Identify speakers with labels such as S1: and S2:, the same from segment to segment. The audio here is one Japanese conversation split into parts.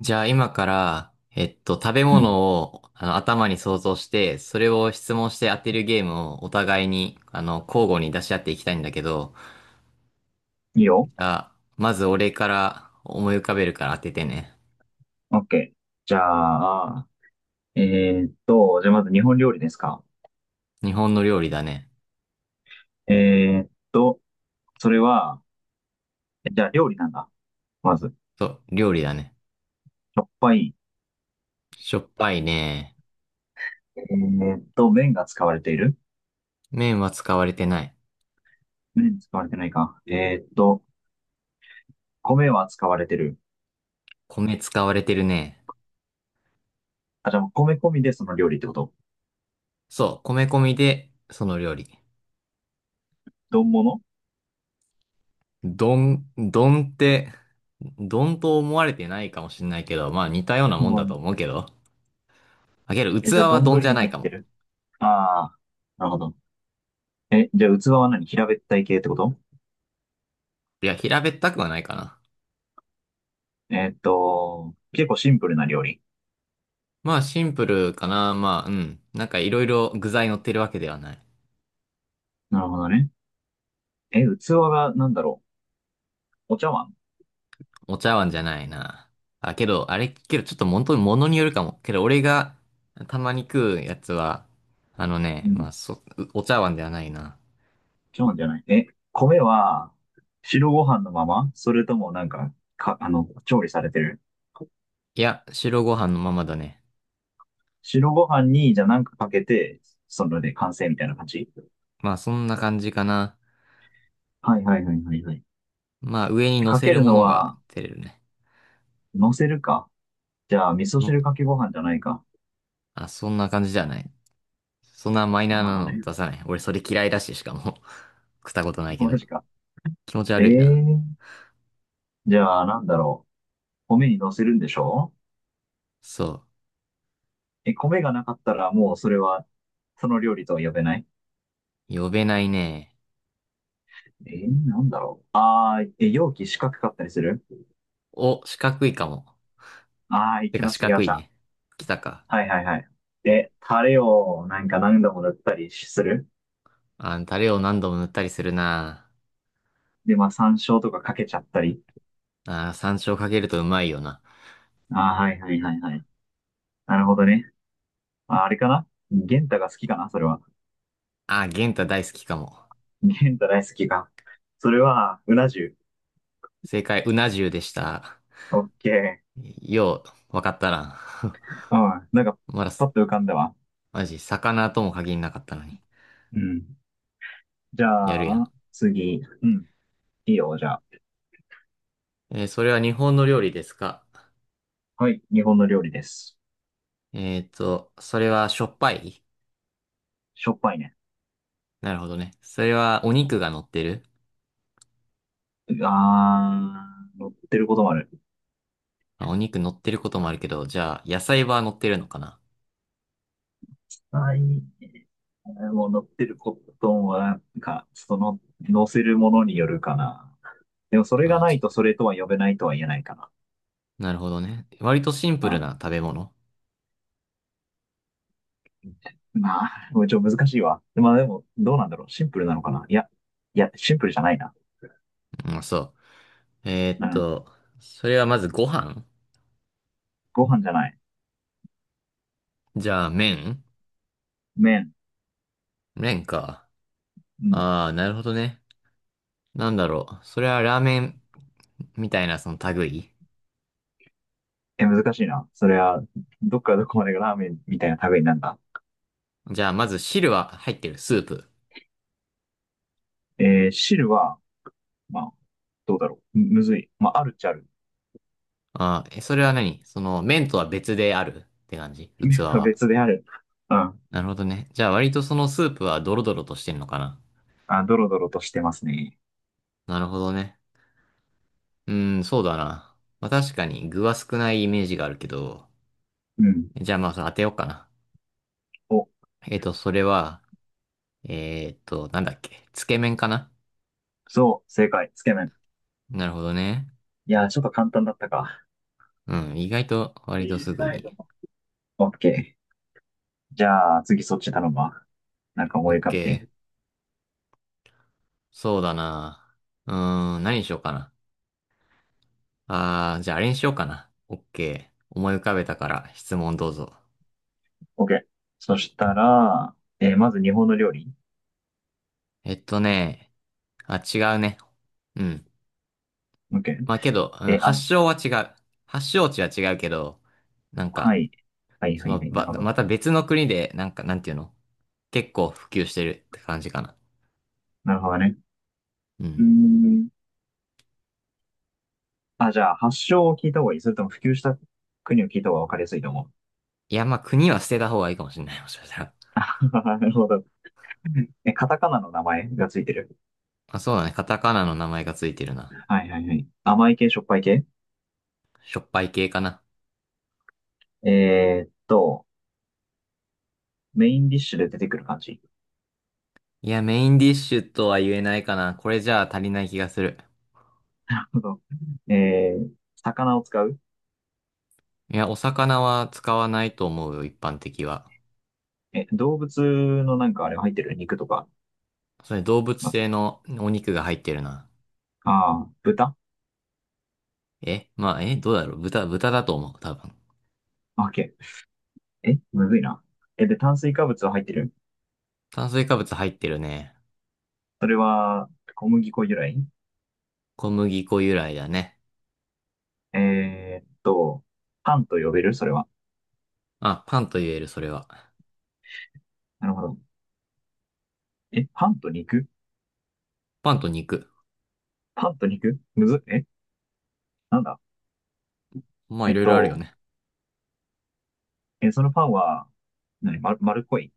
S1: じゃあ今から、食べ
S2: うん。
S1: 物を頭に想像して、それを質問して当てるゲームをお互いに、交互に出し合っていきたいんだけど、
S2: いい
S1: じ
S2: よ。
S1: ゃあ、まず俺から思い浮かべるから当ててね。
S2: オッケー。じゃあ、えーっと、じゃあまず日本料理ですか？
S1: 日本の料理だね。
S2: えーっと、それは、じゃあ料理なんだ。まず、
S1: そう、料理だね。
S2: しょっぱい。
S1: しょっぱいね。
S2: 麺が使われている？
S1: 麺は使われてない。
S2: 麺使われてないか。米は使われてる。
S1: 米使われてるね。
S2: あ、じゃあもう米込みでその料理ってこと？
S1: そう、米込みで、その料理。
S2: 丼物。
S1: どんどんって、どんと思われてないかもしれないけど、まあ似たような
S2: う
S1: もんだと
S2: ん。
S1: 思うけど。あげる
S2: え、
S1: 器
S2: じゃあ
S1: は
S2: 丼
S1: 丼じゃ
S2: に
S1: な
S2: 入
S1: い
S2: っ
S1: か
S2: て
S1: も。
S2: る？ああー、なるほど。え、じゃあ器は何、平べったい系ってこと？
S1: いや、平べったくはないかな。
S2: 結構シンプルな料理。
S1: まあ、シンプルかな。まあ、うん。なんかいろいろ具材乗ってるわけではない。
S2: なるほどね。え、器がなんだろう。お茶碗。
S1: お茶碗じゃないな。あ、けど、あれ、けどちょっと本当に物によるかも。けど、俺がたまに食うやつは、あの
S2: う
S1: ね、まあ、
S2: ん。
S1: お茶碗ではないな。
S2: 茶碗じゃない。え、米は白ご飯のまま、それともなんか、調理されてる？
S1: いや、白ご飯のままだね。
S2: 白ご飯に、じゃあなんかかけて、それで完成みたいな感じ？
S1: まあ、そんな感じかな。
S2: はいはいはいはいはい。
S1: まあ、上に乗
S2: か
S1: せ
S2: け
S1: る
S2: る
S1: も
S2: の
S1: のが
S2: は、
S1: 照れるね。
S2: 乗せるか。じゃあ、味噌
S1: の、
S2: 汁かけご飯じゃないか。
S1: あ、そんな感じじゃない。そんなマイ
S2: な
S1: ナ
S2: る
S1: ー
S2: ほ
S1: な
S2: どね。
S1: の出さない。俺、それ嫌いだし、しかも 食ったことな いけ
S2: マ
S1: ど。
S2: ジか。
S1: 気持ち
S2: え
S1: 悪い
S2: え
S1: な。
S2: ー。じゃあ、なんだろう。米に乗せるんでしょ？
S1: そ
S2: え、米がなかったらもうそれは、その料理とは呼べない？
S1: う。呼べないね。
S2: なんだろう。え、容器四角かったりする？
S1: お、四角いかも。
S2: ああ、行
S1: て
S2: き
S1: か
S2: ま
S1: 四
S2: した、行き
S1: 角
S2: まし
S1: い
S2: た。
S1: ね。来たか。
S2: はいはいはい。で、タレをなんか何度も塗ったりする。
S1: あ、タレを何度も塗ったりするな。
S2: で、まあ山椒とかかけちゃったり。
S1: あ、山椒かけるとうまいよな。
S2: ああ、はいはいはいはい。なるほどね。まあ、あれかな、玄太が好きかなそれは。
S1: あ、元ゲンタ大好きかも。
S2: 玄太大好きか。それは、うな重。
S1: 正解、うな重でした。
S2: オッケ
S1: よう、わかったな。
S2: ー。うん。なんか、
S1: まだ、
S2: パッと浮かんだわ。
S1: マジ、魚とも限りなかったのに。
S2: うん。じゃ
S1: やるやん。
S2: あ、次。うん。いいよ、じゃあ。
S1: えー、それは日本の料理ですか？
S2: はい。日本の料理です。
S1: それはしょっぱい？
S2: しょっぱいね。
S1: なるほどね。それはお肉が乗ってる？
S2: あー、乗ってることもある。
S1: まあお肉乗ってることもあるけど、じゃあ、野菜は乗ってるのかな？
S2: はい。もう乗ってるコットンは、なんか、その、乗せるものによるかな。でも、それが
S1: あ、
S2: な
S1: じ、
S2: いとそれとは呼べないとは言えないか
S1: なるほどね。割とシンプル
S2: な。
S1: な食べ物。
S2: うん。まあ、もうちょっと難しいわ。まあでも、どうなんだろう。シンプルなのかな、いや、いや、シンプルじゃないな。
S1: うん、そう。えーっ
S2: うん。
S1: と、それはまずご飯？
S2: ご飯じゃない。
S1: じゃあ、麺？
S2: 麺。
S1: 麺か。
S2: うん。
S1: ああ、なるほどね。なんだろう。それはラーメンみたいなその類？
S2: え、難しいな。それは、どっからどこまでがラーメンみたいな食べになるんだ。
S1: じゃあ、まず汁は入ってる、スープ？
S2: 汁は、まあ、どうだろう。むずい。まあ、あるっちゃある。
S1: ああ、え、それは何その麺とは別であるって感じ？器
S2: 麺と
S1: は。
S2: 別である。うん。
S1: なるほどね。じゃあ、割とそのスープはドロドロとしてんのかな？
S2: あ、ドロドロとしてますね。
S1: なるほどね。うん、そうだな。まあ確かに具は少ないイメージがあるけど、
S2: うん。
S1: じゃあまあそれ当てようかな。
S2: お、
S1: えっと、それは、なんだっけ、つけ麺かな？
S2: そう、正解、つけ麺。
S1: なるほどね。
S2: いやー、ちょっと簡単だったか。
S1: うん、意外と割とすぐに。
S2: オッケー。じゃあ、次そっち頼むわ。なんか
S1: オ
S2: 思
S1: ッ
S2: い浮かべ
S1: ケ
S2: て。
S1: ー。そうだな。うーん、何にしようかな。あー、じゃああれにしようかな。オッケー。思い浮かべたから質問どうぞ。
S2: オッケー。そしたら、まず日本の料理。
S1: えっとね、あ、違うね。うん。
S2: オッケー。
S1: まあけど、うん、
S2: あ、
S1: 発祥は違う。発祥地は違うけど、なん
S2: は
S1: か、
S2: い。はいは
S1: そ
S2: い
S1: の、
S2: はい。な
S1: ば、
S2: るほど。
S1: また別の国で、なんか、なんていうの？結構普及してるって感じかな。
S2: なるほどね。
S1: う
S2: うー
S1: ん。
S2: ん。あ、じゃあ、発祥を聞いた方がいい。それとも普及した国を聞いた方が分かりやすいと思う。
S1: いや、まあ、国は捨てた方がいいかもしれない、もしかしたら。
S2: あははなるほど。え、カタカナの名前がついてる？
S1: まあ、そうだね。カタカナの名前がついてるな。
S2: はいはいはい。甘い系、しょっぱい系？
S1: しょっぱい系かな。
S2: えーっと、メインディッシュで出てくる感じ。
S1: いや、メインディッシュとは言えないかな。これじゃあ足りない気がする。
S2: えー、魚を使う？
S1: いや、お魚は使わないと思うよ、一般的は。
S2: え、動物のなんかあれが入ってる肉とか、
S1: それ動物
S2: まず。
S1: 性のお肉が入ってるな。
S2: ああ、豚？
S1: え、まあ、え、どうだろう豚、豚だと思う、多分。
S2: オッケー。え、むずいな。え、で、炭水化物は入ってる？
S1: 炭水化物入ってるね。
S2: それは、小麦粉由来？
S1: 小麦粉由来だね。
S2: えーっと、パンと呼べるそれは。
S1: まあ、パンと言える、それは。
S2: なるほど。え、パンと肉？
S1: パンと肉。
S2: パンと肉むずっ、え、なんだ。
S1: まあ
S2: え
S1: い
S2: っ
S1: ろいろあるよ
S2: と、
S1: ね。
S2: そのパンは、何、丸っこい。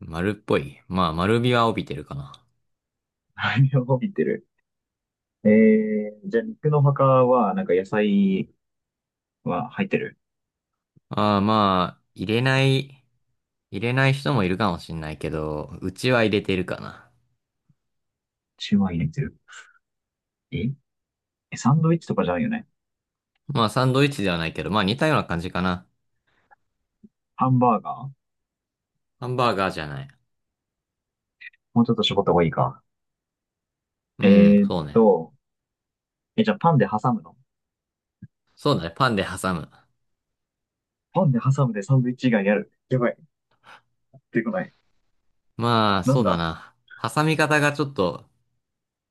S1: 丸っぽい。まあ丸みは帯びてるかな。
S2: あれを帯びてる。ええー、じゃあ肉の他は、なんか野菜は入ってる？
S1: ああ、まあ、入れない、入れない人もいるかもしんないけど、うちは入れてるかな。
S2: シューマイ入れてる？えサンドイッチとかじゃないよね。
S1: まあサンドイッチではないけど、まあ似たような感じかな。
S2: ハンバーガー？
S1: ハンバーガーじゃない。
S2: もうちょっと絞った方がいいか。
S1: うん、
S2: えーっ
S1: そうね。
S2: と、じゃあパンで挟むの？
S1: そうだね、パンで挟む。
S2: パンで挟むでサンドイッチ以外やる。やばい。出てこない。
S1: まあ、
S2: な
S1: そ
S2: ん
S1: うだ
S2: だ。
S1: な。挟み方がちょっと、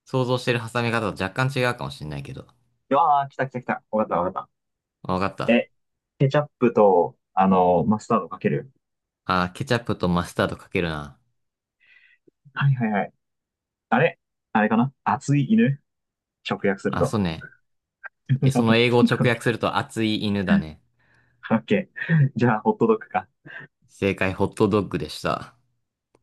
S1: 想像してる挟み方と若干違うかもしんないけど。
S2: ああー、来た来た来た。わかったわかっ
S1: あ、わかっ
S2: た。
S1: た。
S2: え、ケチャップと、マスタードかける。
S1: あ、ケチャップとマスタードかけるな。
S2: はいはいはい。あれ。あれかな、熱い犬、直訳する
S1: あ、そう
S2: と。
S1: ね。え、その英語 を直訳すると熱い犬だね。
S2: オッケー。じゃあ、ホットドッグか。
S1: 正解、ホットドッグでした。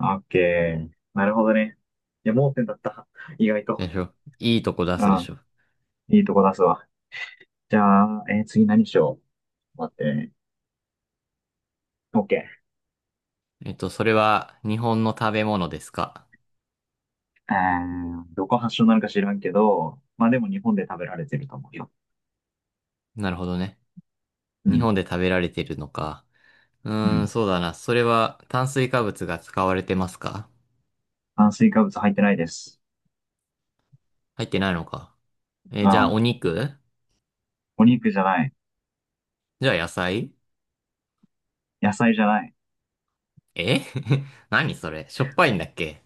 S2: オッケー。なるほどね。いや、盲点だった。意外
S1: で
S2: と。
S1: しょ？いいとこ出
S2: う
S1: すでし
S2: ん。
S1: ょ？
S2: いいとこ出すわ。じゃあ、次何しよう。待ってね。オッケ
S1: えっと、それは日本の食べ物ですか？
S2: ー。どこ発祥なのか知らんけど、まあでも日本で食べられてると思うよ。
S1: なるほどね。
S2: う
S1: 日
S2: ん。
S1: 本で食べられてるのか。う
S2: う
S1: ーん、
S2: ん。
S1: そうだな。それは炭水化物が使われてますか？
S2: 炭水化物入ってないです。
S1: 入ってないのか。え、
S2: う
S1: じゃあ
S2: ん。
S1: お肉？
S2: お肉じゃない。
S1: じゃあ野菜？
S2: 野菜じゃない。
S1: え 何それ、しょっぱいんだっけ？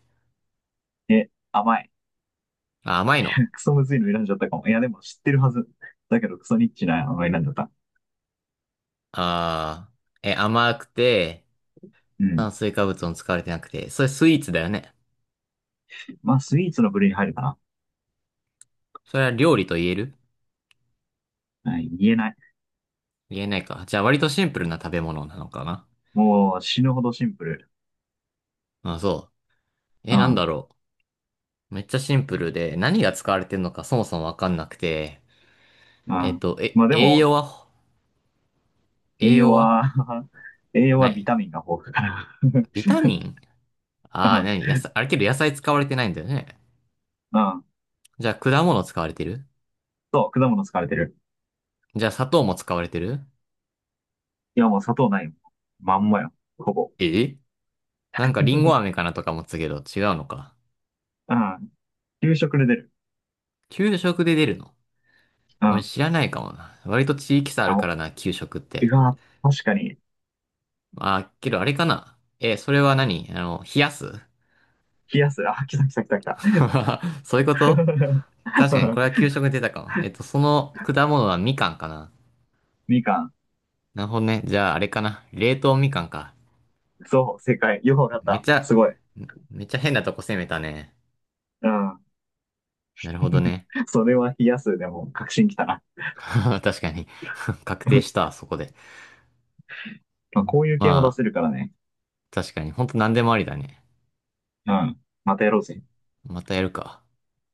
S2: え、甘い。
S1: あ、甘いの？
S2: クソむずいの選んじゃったかも。いや、でも知ってるはず。だけどクソニッチなの選んじゃった。
S1: あー、え、甘くて、
S2: うん。
S1: 炭水化物も使われてなくて、それスイーツだよね。
S2: まあ、スイーツの部類に入るかな。
S1: それは料理と言える？
S2: はい、言えない。
S1: 言えないか。じゃあ割とシンプルな食べ物なのかな。
S2: もう死ぬほどシンプル。
S1: まあ、そう。え、
S2: う
S1: なん
S2: ん。
S1: だろう。めっちゃシンプルで、何が使われてるのかそもそもわかんなくて。
S2: う
S1: えっ
S2: ん。
S1: と、え、
S2: まあで
S1: 栄
S2: も、
S1: 養は、
S2: 栄
S1: 栄
S2: 養
S1: 養は
S2: は 栄養
S1: な
S2: はビ
S1: い？
S2: タミンが豊富だか
S1: ビタミン？ああー、何野菜、あれけど野菜使われてないんだよね。
S2: ら。うん。
S1: じゃあ果物使われてる？
S2: そう、果物使われてる。
S1: じゃあ砂糖も使われてる？
S2: いや、もう砂糖ないもん。まんまよ。ほぼ。
S1: え、なんかリンゴ飴 かなとか思ってたけど違うのか。
S2: うん。給食で出る。
S1: 給食で出るの？
S2: う
S1: 俺
S2: ん。
S1: 知らないかもな。割と地域差ある
S2: あ、
S1: か
S2: お、
S1: らな、給食っ
S2: う
S1: て。
S2: わ、確かに。
S1: まあ、けどあれかな。え、それは何あの、冷やす？
S2: 冷やす。あ、来た来た来た来た。
S1: そういうこと？確かにこれは給 食に出たかも。えっと、その果物はみかんかな。
S2: みかん。
S1: なるほどね。じゃああれかな。冷凍みかんか。
S2: そう、正解。よくわかっ
S1: めっ
S2: た。
S1: ち
S2: す
S1: ゃ、
S2: ごい。
S1: めっちゃ変なとこ攻めたね。
S2: うん。
S1: なるほど ね。
S2: それは冷やすでも確信きたな。
S1: 確かに。確定し た、そこで。
S2: まあ、こういう
S1: ま
S2: 系も出
S1: あ、
S2: せるからね。
S1: 確かに。ほんと何でもありだね。
S2: うん。またやろうぜ。
S1: またやるか。